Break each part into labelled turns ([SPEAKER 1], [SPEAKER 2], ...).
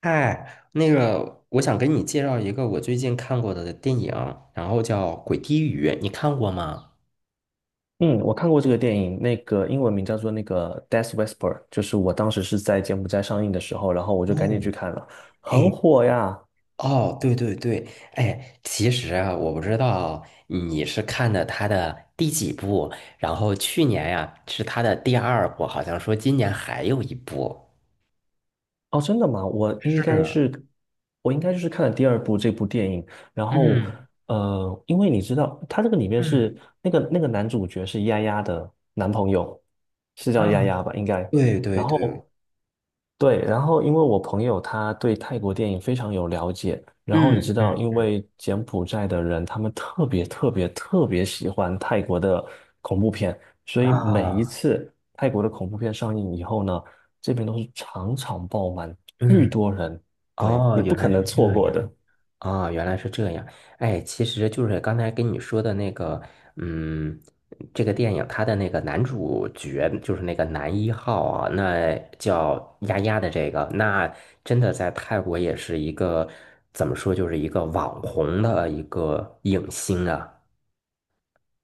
[SPEAKER 1] 嗨，我想给你介绍一个我最近看过的电影，然后叫《鬼滴雨》，你看过吗？
[SPEAKER 2] 嗯，我看过这个电影，那个英文名叫做《Death Whisper》，就是我当时是在柬埔寨上映的时候，然后我就赶紧去
[SPEAKER 1] 哦，
[SPEAKER 2] 看了，很
[SPEAKER 1] 哎，
[SPEAKER 2] 火呀。
[SPEAKER 1] 哦，对对对，哎，其实啊，我不知道你是看的他的第几部，然后去年呀，是他的第二部，好像说今年还有一部。
[SPEAKER 2] 哦，真的吗？我应该是，
[SPEAKER 1] 是，
[SPEAKER 2] 我应该就是看了第二部这部电影，然后
[SPEAKER 1] 嗯
[SPEAKER 2] 因为你知道，他这个里面
[SPEAKER 1] 嗯，
[SPEAKER 2] 是那个男主角是丫丫的男朋友，是叫丫
[SPEAKER 1] 啊，
[SPEAKER 2] 丫吧？应该。
[SPEAKER 1] 对
[SPEAKER 2] 然
[SPEAKER 1] 对对，
[SPEAKER 2] 后对，然后因为我朋友他对泰国电影非常有了解，然后你
[SPEAKER 1] 嗯
[SPEAKER 2] 知道，
[SPEAKER 1] 嗯，
[SPEAKER 2] 因为柬埔寨的人他们特别特别特别喜欢泰国的恐怖片，所以每一
[SPEAKER 1] 啊，
[SPEAKER 2] 次泰国的恐怖片上映以后呢。这边都是场场爆满，巨
[SPEAKER 1] 嗯，
[SPEAKER 2] 多人，对，
[SPEAKER 1] 哦，
[SPEAKER 2] 你不
[SPEAKER 1] 原
[SPEAKER 2] 可
[SPEAKER 1] 来
[SPEAKER 2] 能
[SPEAKER 1] 是这
[SPEAKER 2] 错
[SPEAKER 1] 样。
[SPEAKER 2] 过的。
[SPEAKER 1] 啊，原来是这样。哎，其实就是刚才跟你说的那个，嗯，这个电影它的那个男主角就是那个男一号啊，那叫丫丫的这个，那真的在泰国也是一个怎么说，就是一个网红的一个影星啊。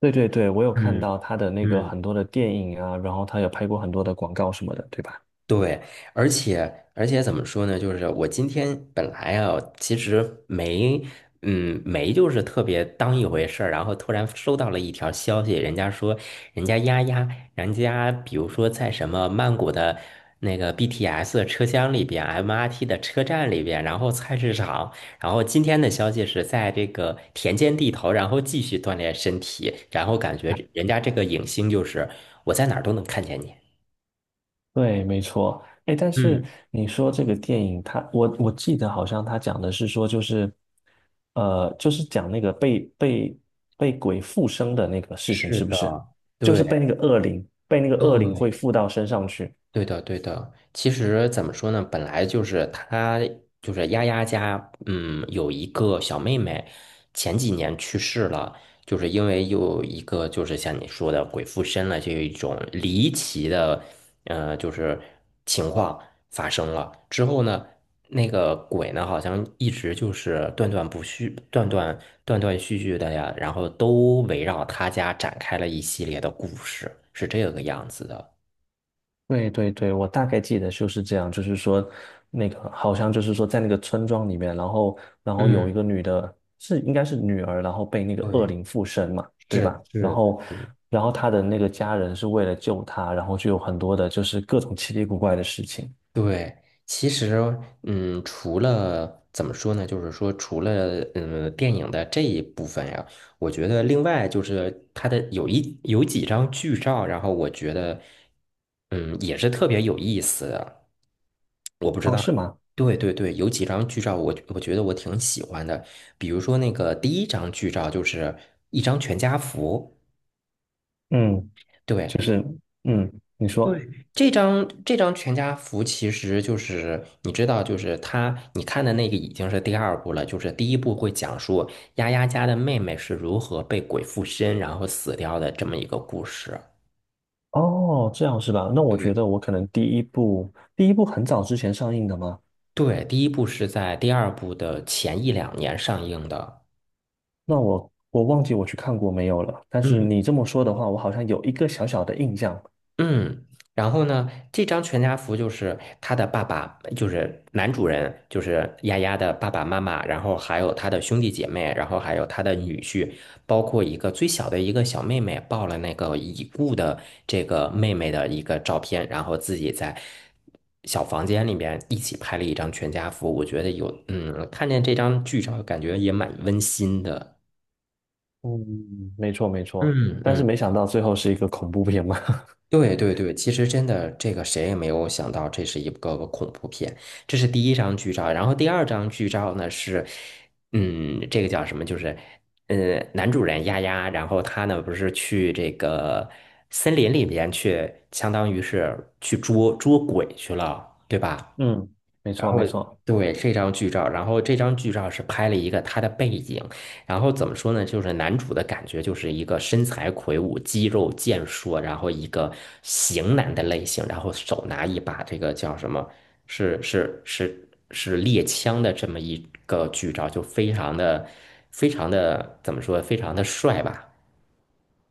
[SPEAKER 2] 对对对，我有看
[SPEAKER 1] 嗯
[SPEAKER 2] 到他的那个
[SPEAKER 1] 嗯。
[SPEAKER 2] 很多的电影啊，然后他有拍过很多的广告什么的，对吧？
[SPEAKER 1] 对，而且怎么说呢？就是我今天本来啊，其实没，嗯，没就是特别当一回事儿，然后突然收到了一条消息，人家说人家丫丫，人家比如说在什么曼谷的那个 BTS 车厢里边，MRT 的车站里边，然后菜市场，然后今天的消息是在这个田间地头，然后继续锻炼身体，然后感觉人家这个影星就是我在哪儿都能看见你。
[SPEAKER 2] 对，没错。哎，但是
[SPEAKER 1] 嗯，
[SPEAKER 2] 你说这个电影他我记得好像他讲的是说，就是，就是讲那个被被鬼附身的那个事情，
[SPEAKER 1] 是
[SPEAKER 2] 是不
[SPEAKER 1] 的，
[SPEAKER 2] 是？就是
[SPEAKER 1] 对
[SPEAKER 2] 被那个恶灵，被那个恶灵会
[SPEAKER 1] 对，
[SPEAKER 2] 附到身上去。
[SPEAKER 1] 对的，对的。其实怎么说呢？本来就是他，就是丫丫家，嗯，有一个小妹妹，前几年去世了，就是因为有一个，就是像你说的鬼附身了，这一种离奇的，就是情况发生了之后呢，那个鬼呢，好像一直就是断断不续、断断续续的呀，然后都围绕他家展开了一系列的故事，是这个样子的。
[SPEAKER 2] 对对对，我大概记得就是这样，就是说，那个好像就是说，在那个村庄里面，然后有一
[SPEAKER 1] 嗯。
[SPEAKER 2] 个女的，是应该是女儿，然后被那个恶
[SPEAKER 1] 对。
[SPEAKER 2] 灵附身嘛，
[SPEAKER 1] 是
[SPEAKER 2] 对吧？然
[SPEAKER 1] 是
[SPEAKER 2] 后
[SPEAKER 1] 是，嗯，
[SPEAKER 2] 然后她的那个家人是为了救她，然后就有很多的就是各种奇奇古怪的事情。
[SPEAKER 1] 对，其实，嗯，除了怎么说呢，就是说，除了嗯电影的这一部分呀，我觉得另外就是它的有一有几张剧照，然后我觉得，嗯，也是特别有意思的。我不知
[SPEAKER 2] 哦，
[SPEAKER 1] 道，
[SPEAKER 2] 是吗？
[SPEAKER 1] 对对对，有几张剧照我觉得我挺喜欢的，比如说那个第一张剧照就是一张全家福。
[SPEAKER 2] 嗯，就
[SPEAKER 1] 对，
[SPEAKER 2] 是嗯，你说
[SPEAKER 1] 这张全家福其实就是你知道，就是他你看的那个已经是第二部了，就是第一部会讲述丫丫家的妹妹是如何被鬼附身然后死掉的这么一个故事。
[SPEAKER 2] 哦，这样是吧？那我觉
[SPEAKER 1] 对，
[SPEAKER 2] 得我可能第一部很早之前上映的吗？
[SPEAKER 1] 对，第一部是在第二部的前一两年上映的。
[SPEAKER 2] 那我忘记我去看过没有了，但是
[SPEAKER 1] 嗯，
[SPEAKER 2] 你这么说的话，我好像有一个小小的印象。
[SPEAKER 1] 嗯，然后呢，这张全家福就是他的爸爸，就是男主人，就是丫丫的爸爸妈妈，然后还有他的兄弟姐妹，然后还有他的女婿，包括一个最小的一个小妹妹抱了那个已故的这个妹妹的一个照片，然后自己在小房间里面一起拍了一张全家福。我觉得有，嗯，看见这张剧照，感觉也蛮温馨的。
[SPEAKER 2] 嗯，没错没错，
[SPEAKER 1] 嗯
[SPEAKER 2] 但是
[SPEAKER 1] 嗯，
[SPEAKER 2] 没想到最后是一个恐怖片嘛。
[SPEAKER 1] 对对对，其实真的，这个谁也没有想到，这是一个恐怖片。这是第一张剧照，然后第二张剧照呢是，嗯，这个叫什么？就是，男主人丫丫，然后他呢不是去这个森林里面去，相当于是去捉鬼去了，对吧？
[SPEAKER 2] 嗯，没
[SPEAKER 1] 然
[SPEAKER 2] 错
[SPEAKER 1] 后
[SPEAKER 2] 没错。
[SPEAKER 1] 对这张剧照，然后这张剧照是拍了一个他的背景，然后怎么说呢？就是男主的感觉就是一个身材魁梧、肌肉健硕，然后一个型男的类型，然后手拿一把这个叫什么？是猎枪的这么一个剧照，就非常的非常的怎么说？非常的帅吧？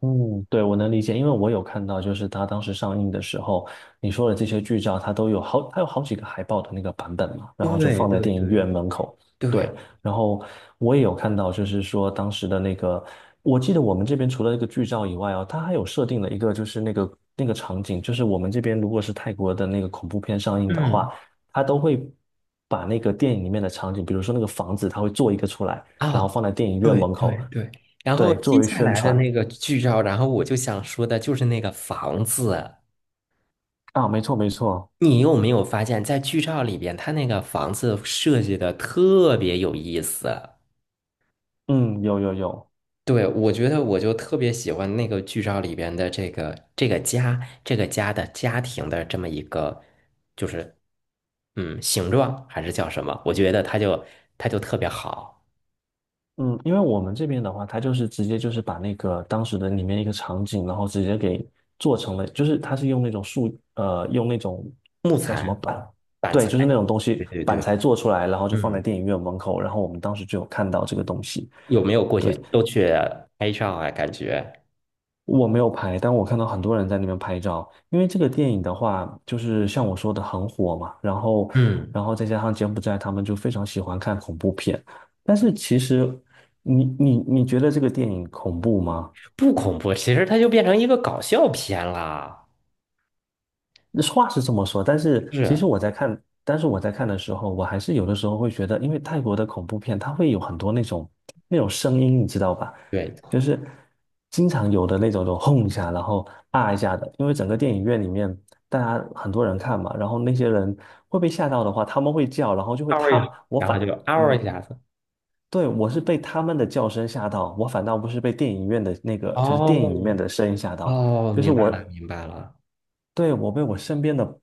[SPEAKER 2] 嗯，对，我能理解，因为我有看到，就是它当时上映的时候，你说的这些剧照，它都有好，它有好几个海报的那个版本嘛，然后就
[SPEAKER 1] 对
[SPEAKER 2] 放在
[SPEAKER 1] 对
[SPEAKER 2] 电影院
[SPEAKER 1] 对，
[SPEAKER 2] 门口。对，
[SPEAKER 1] 对，
[SPEAKER 2] 然后我也有看到，就是说当时的那个，我记得我们这边除了那个剧照以外哦，它还有设定了一个，就是那个场景，就是我们这边如果是泰国的那个恐怖片上映的话，
[SPEAKER 1] 嗯。
[SPEAKER 2] 它都会把那个电影里面的场景，比如说那个房子，它会做一个出来，然后
[SPEAKER 1] 啊，
[SPEAKER 2] 放在电影院
[SPEAKER 1] 对
[SPEAKER 2] 门
[SPEAKER 1] 对
[SPEAKER 2] 口，
[SPEAKER 1] 对，然后
[SPEAKER 2] 对，作
[SPEAKER 1] 接
[SPEAKER 2] 为
[SPEAKER 1] 下
[SPEAKER 2] 宣
[SPEAKER 1] 来的
[SPEAKER 2] 传。
[SPEAKER 1] 那个剧照，然后我就想说的就是那个房子啊，
[SPEAKER 2] 啊，没错没错，
[SPEAKER 1] 你有没有发现，在剧照里边，他那个房子设计的特别有意思？
[SPEAKER 2] 嗯，有有有，
[SPEAKER 1] 对，我觉得我就特别喜欢那个剧照里边的这个家，这个家的家庭的这么一个，就是嗯形状还是叫什么？我觉得它就特别好，
[SPEAKER 2] 嗯，因为我们这边的话，它就是直接就是把那个当时的里面一个场景，然后直接给做成了，就是它是用那种树，用那种
[SPEAKER 1] 木
[SPEAKER 2] 叫什么
[SPEAKER 1] 材、
[SPEAKER 2] 板，
[SPEAKER 1] 板
[SPEAKER 2] 对，
[SPEAKER 1] 材，
[SPEAKER 2] 就是那种东
[SPEAKER 1] 对
[SPEAKER 2] 西
[SPEAKER 1] 对
[SPEAKER 2] 板
[SPEAKER 1] 对，
[SPEAKER 2] 材做出来，然后就放在
[SPEAKER 1] 嗯。
[SPEAKER 2] 电影院门口，然后我们当时就有看到这个东西，
[SPEAKER 1] 有没有过去
[SPEAKER 2] 对，
[SPEAKER 1] 都去拍照啊？感觉
[SPEAKER 2] 我没有拍，但我看到很多人在那边拍照。因为这个电影的话，就是像我说的很火嘛，然后，
[SPEAKER 1] 嗯，
[SPEAKER 2] 然后再加上柬埔寨他们就非常喜欢看恐怖片。但是其实你觉得这个电影恐怖吗？
[SPEAKER 1] 不恐怖，其实它就变成一个搞笑片啦。
[SPEAKER 2] 话是这么说，但是其实
[SPEAKER 1] 是，
[SPEAKER 2] 我在看，但是我在看的时候，我还是有的时候会觉得，因为泰国的恐怖片，它会有很多那种声音，你知道吧？
[SPEAKER 1] 对，
[SPEAKER 2] 就是经常有的那种，就轰一下，然后啊一下的。因为整个电影院里面，大家很多人看嘛，然后那些人会被吓到的话，他们会叫，然后就会
[SPEAKER 1] 嗷一下，
[SPEAKER 2] 他，我
[SPEAKER 1] 然
[SPEAKER 2] 反，
[SPEAKER 1] 后就嗷
[SPEAKER 2] 嗯，
[SPEAKER 1] 一下子。
[SPEAKER 2] 对，我是被他们的叫声吓到，我反倒不是被电影院的那个，就是电影里面
[SPEAKER 1] 哦，
[SPEAKER 2] 的声音吓到。
[SPEAKER 1] 哦，
[SPEAKER 2] 就是
[SPEAKER 1] 明白
[SPEAKER 2] 我
[SPEAKER 1] 了，明白了。
[SPEAKER 2] 对，我被我身边的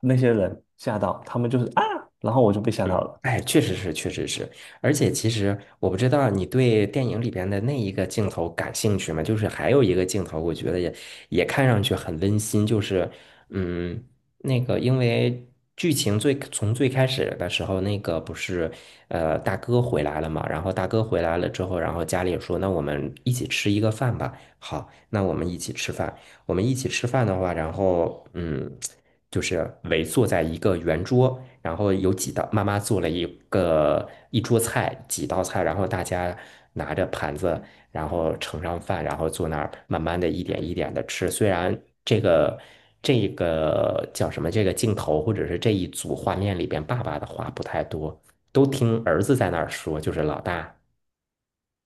[SPEAKER 2] 那些人吓到，他们就是啊，然后我就被吓到
[SPEAKER 1] 嗯，
[SPEAKER 2] 了。
[SPEAKER 1] 哎，确实是，确实是，而且其实我不知道你对电影里边的那一个镜头感兴趣吗？就是还有一个镜头，我觉得也也看上去很温馨，就是嗯，那个因为剧情最从最开始的时候，那个不是大哥回来了嘛，然后大哥回来了之后，然后家里也说那我们一起吃一个饭吧，好，那我们一起吃饭，我们一起吃饭的话，然后嗯，就是围坐在一个圆桌，然后有几道妈妈做了一个一桌菜，几道菜，然后大家拿着盘子，然后盛上饭，然后坐那儿慢慢的一点一点的吃。虽然这个这个叫什么，这个镜头或者是这一组画面里边，爸爸的话不太多，都听儿子在那儿说，就是老大。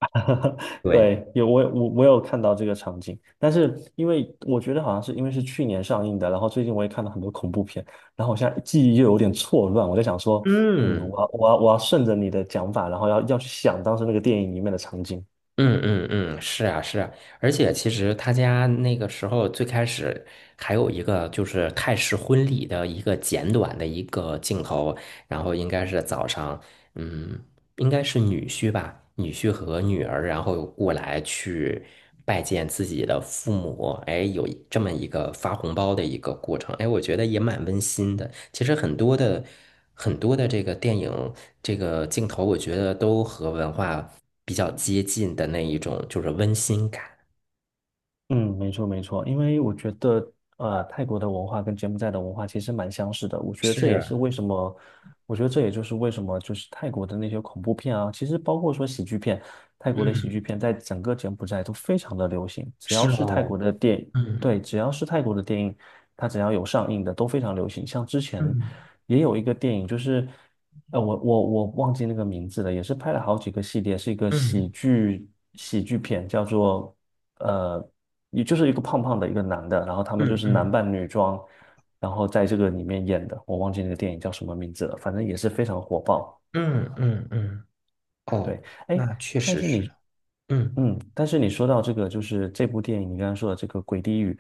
[SPEAKER 1] 对，
[SPEAKER 2] 对，有我有看到这个场景，但是因为我觉得好像是因为是去年上映的，然后最近我也看到很多恐怖片，然后我现在记忆又有点错乱，我在想说，嗯，
[SPEAKER 1] 嗯。
[SPEAKER 2] 我要顺着你的讲法，然后要去想当时那个电影里面的场景。
[SPEAKER 1] 嗯嗯嗯，是啊是啊，而且其实他家那个时候最开始还有一个就是泰式婚礼的一个简短的一个镜头，然后应该是早上，嗯，应该是女婿吧，女婿和女儿，然后过来去拜见自己的父母，哎，有一这么一个发红包的一个过程，哎，我觉得也蛮温馨的。其实很多的这个电影这个镜头，我觉得都和文化比较接近的那一种，就是温馨感。
[SPEAKER 2] 嗯，没错没错，因为我觉得，泰国的文化跟柬埔寨的文化其实蛮相似的。我觉得这也是
[SPEAKER 1] 是，
[SPEAKER 2] 为什么，我觉得这也就是为什么，就是泰国的那些恐怖片啊，其实包括说喜剧片，泰国的喜剧
[SPEAKER 1] 嗯，
[SPEAKER 2] 片在整个柬埔寨都非常的流行。只要
[SPEAKER 1] 是
[SPEAKER 2] 是泰
[SPEAKER 1] 哦，
[SPEAKER 2] 国的电影，
[SPEAKER 1] 嗯
[SPEAKER 2] 对，只要是泰国的电影，它只要有上映的都非常流行。像之前
[SPEAKER 1] 嗯
[SPEAKER 2] 也有一个电影，就是，我忘记那个名字了，也是拍了好几个系列，是一个喜
[SPEAKER 1] 嗯
[SPEAKER 2] 剧喜剧片，叫做。呃。也就是一个胖胖的一个男的，然后他们就
[SPEAKER 1] 嗯
[SPEAKER 2] 是男
[SPEAKER 1] 嗯
[SPEAKER 2] 扮女装，然后在这个里面演的，我忘记那个电影叫什么名字了，反正也是非常火爆。
[SPEAKER 1] 嗯嗯嗯，哦，
[SPEAKER 2] 对，哎，
[SPEAKER 1] 那确
[SPEAKER 2] 但
[SPEAKER 1] 实
[SPEAKER 2] 是
[SPEAKER 1] 是，嗯
[SPEAKER 2] 嗯，但是你说到这个，就是这部电影，你刚刚说的这个《鬼地语》，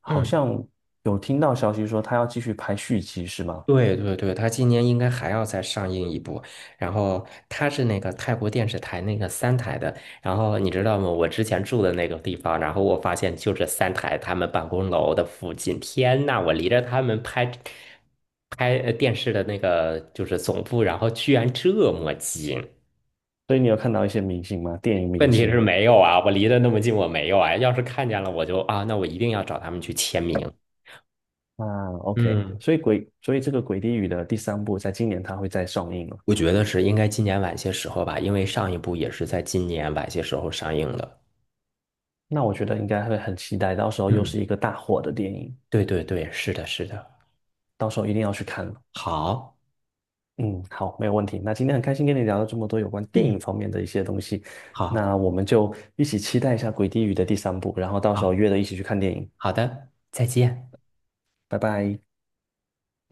[SPEAKER 2] 好
[SPEAKER 1] 嗯。
[SPEAKER 2] 像有听到消息说他要继续拍续集，是吗？
[SPEAKER 1] 对对对，他今年应该还要再上映一部，然后他是那个泰国电视台那个三台的，然后你知道吗？我之前住的那个地方，然后我发现就这三台他们办公楼的附近，天呐，我离着他们拍电视的那个就是总部，然后居然这么近。
[SPEAKER 2] 所以你有看到一些明星吗？电影明
[SPEAKER 1] 问题是
[SPEAKER 2] 星
[SPEAKER 1] 没有啊，我离得那么近，我没有啊。要是看见了，我就啊，那我一定要找他们去签名。
[SPEAKER 2] 啊，OK，
[SPEAKER 1] 嗯，
[SPEAKER 2] 所以这个《鬼地语》的第三部在今年它会再上映了，
[SPEAKER 1] 我觉得是应该今年晚些时候吧，因为上一部也是在今年晚些时候上映的。
[SPEAKER 2] 那我觉得应该会很期待，到时候又
[SPEAKER 1] 嗯，
[SPEAKER 2] 是一个大火的电影。
[SPEAKER 1] 对对对，是的，是的。
[SPEAKER 2] 到时候一定要去看了
[SPEAKER 1] 好，
[SPEAKER 2] 嗯，好，没有问题。那今天很开心跟你聊了这么多有关电影
[SPEAKER 1] 嗯，
[SPEAKER 2] 方面的一些东西，
[SPEAKER 1] 好，
[SPEAKER 2] 那我们就一起期待一下《鬼地狱》的第三部，然后到时候
[SPEAKER 1] 好，
[SPEAKER 2] 约着一起去看电影。
[SPEAKER 1] 好的，再见。
[SPEAKER 2] 拜拜。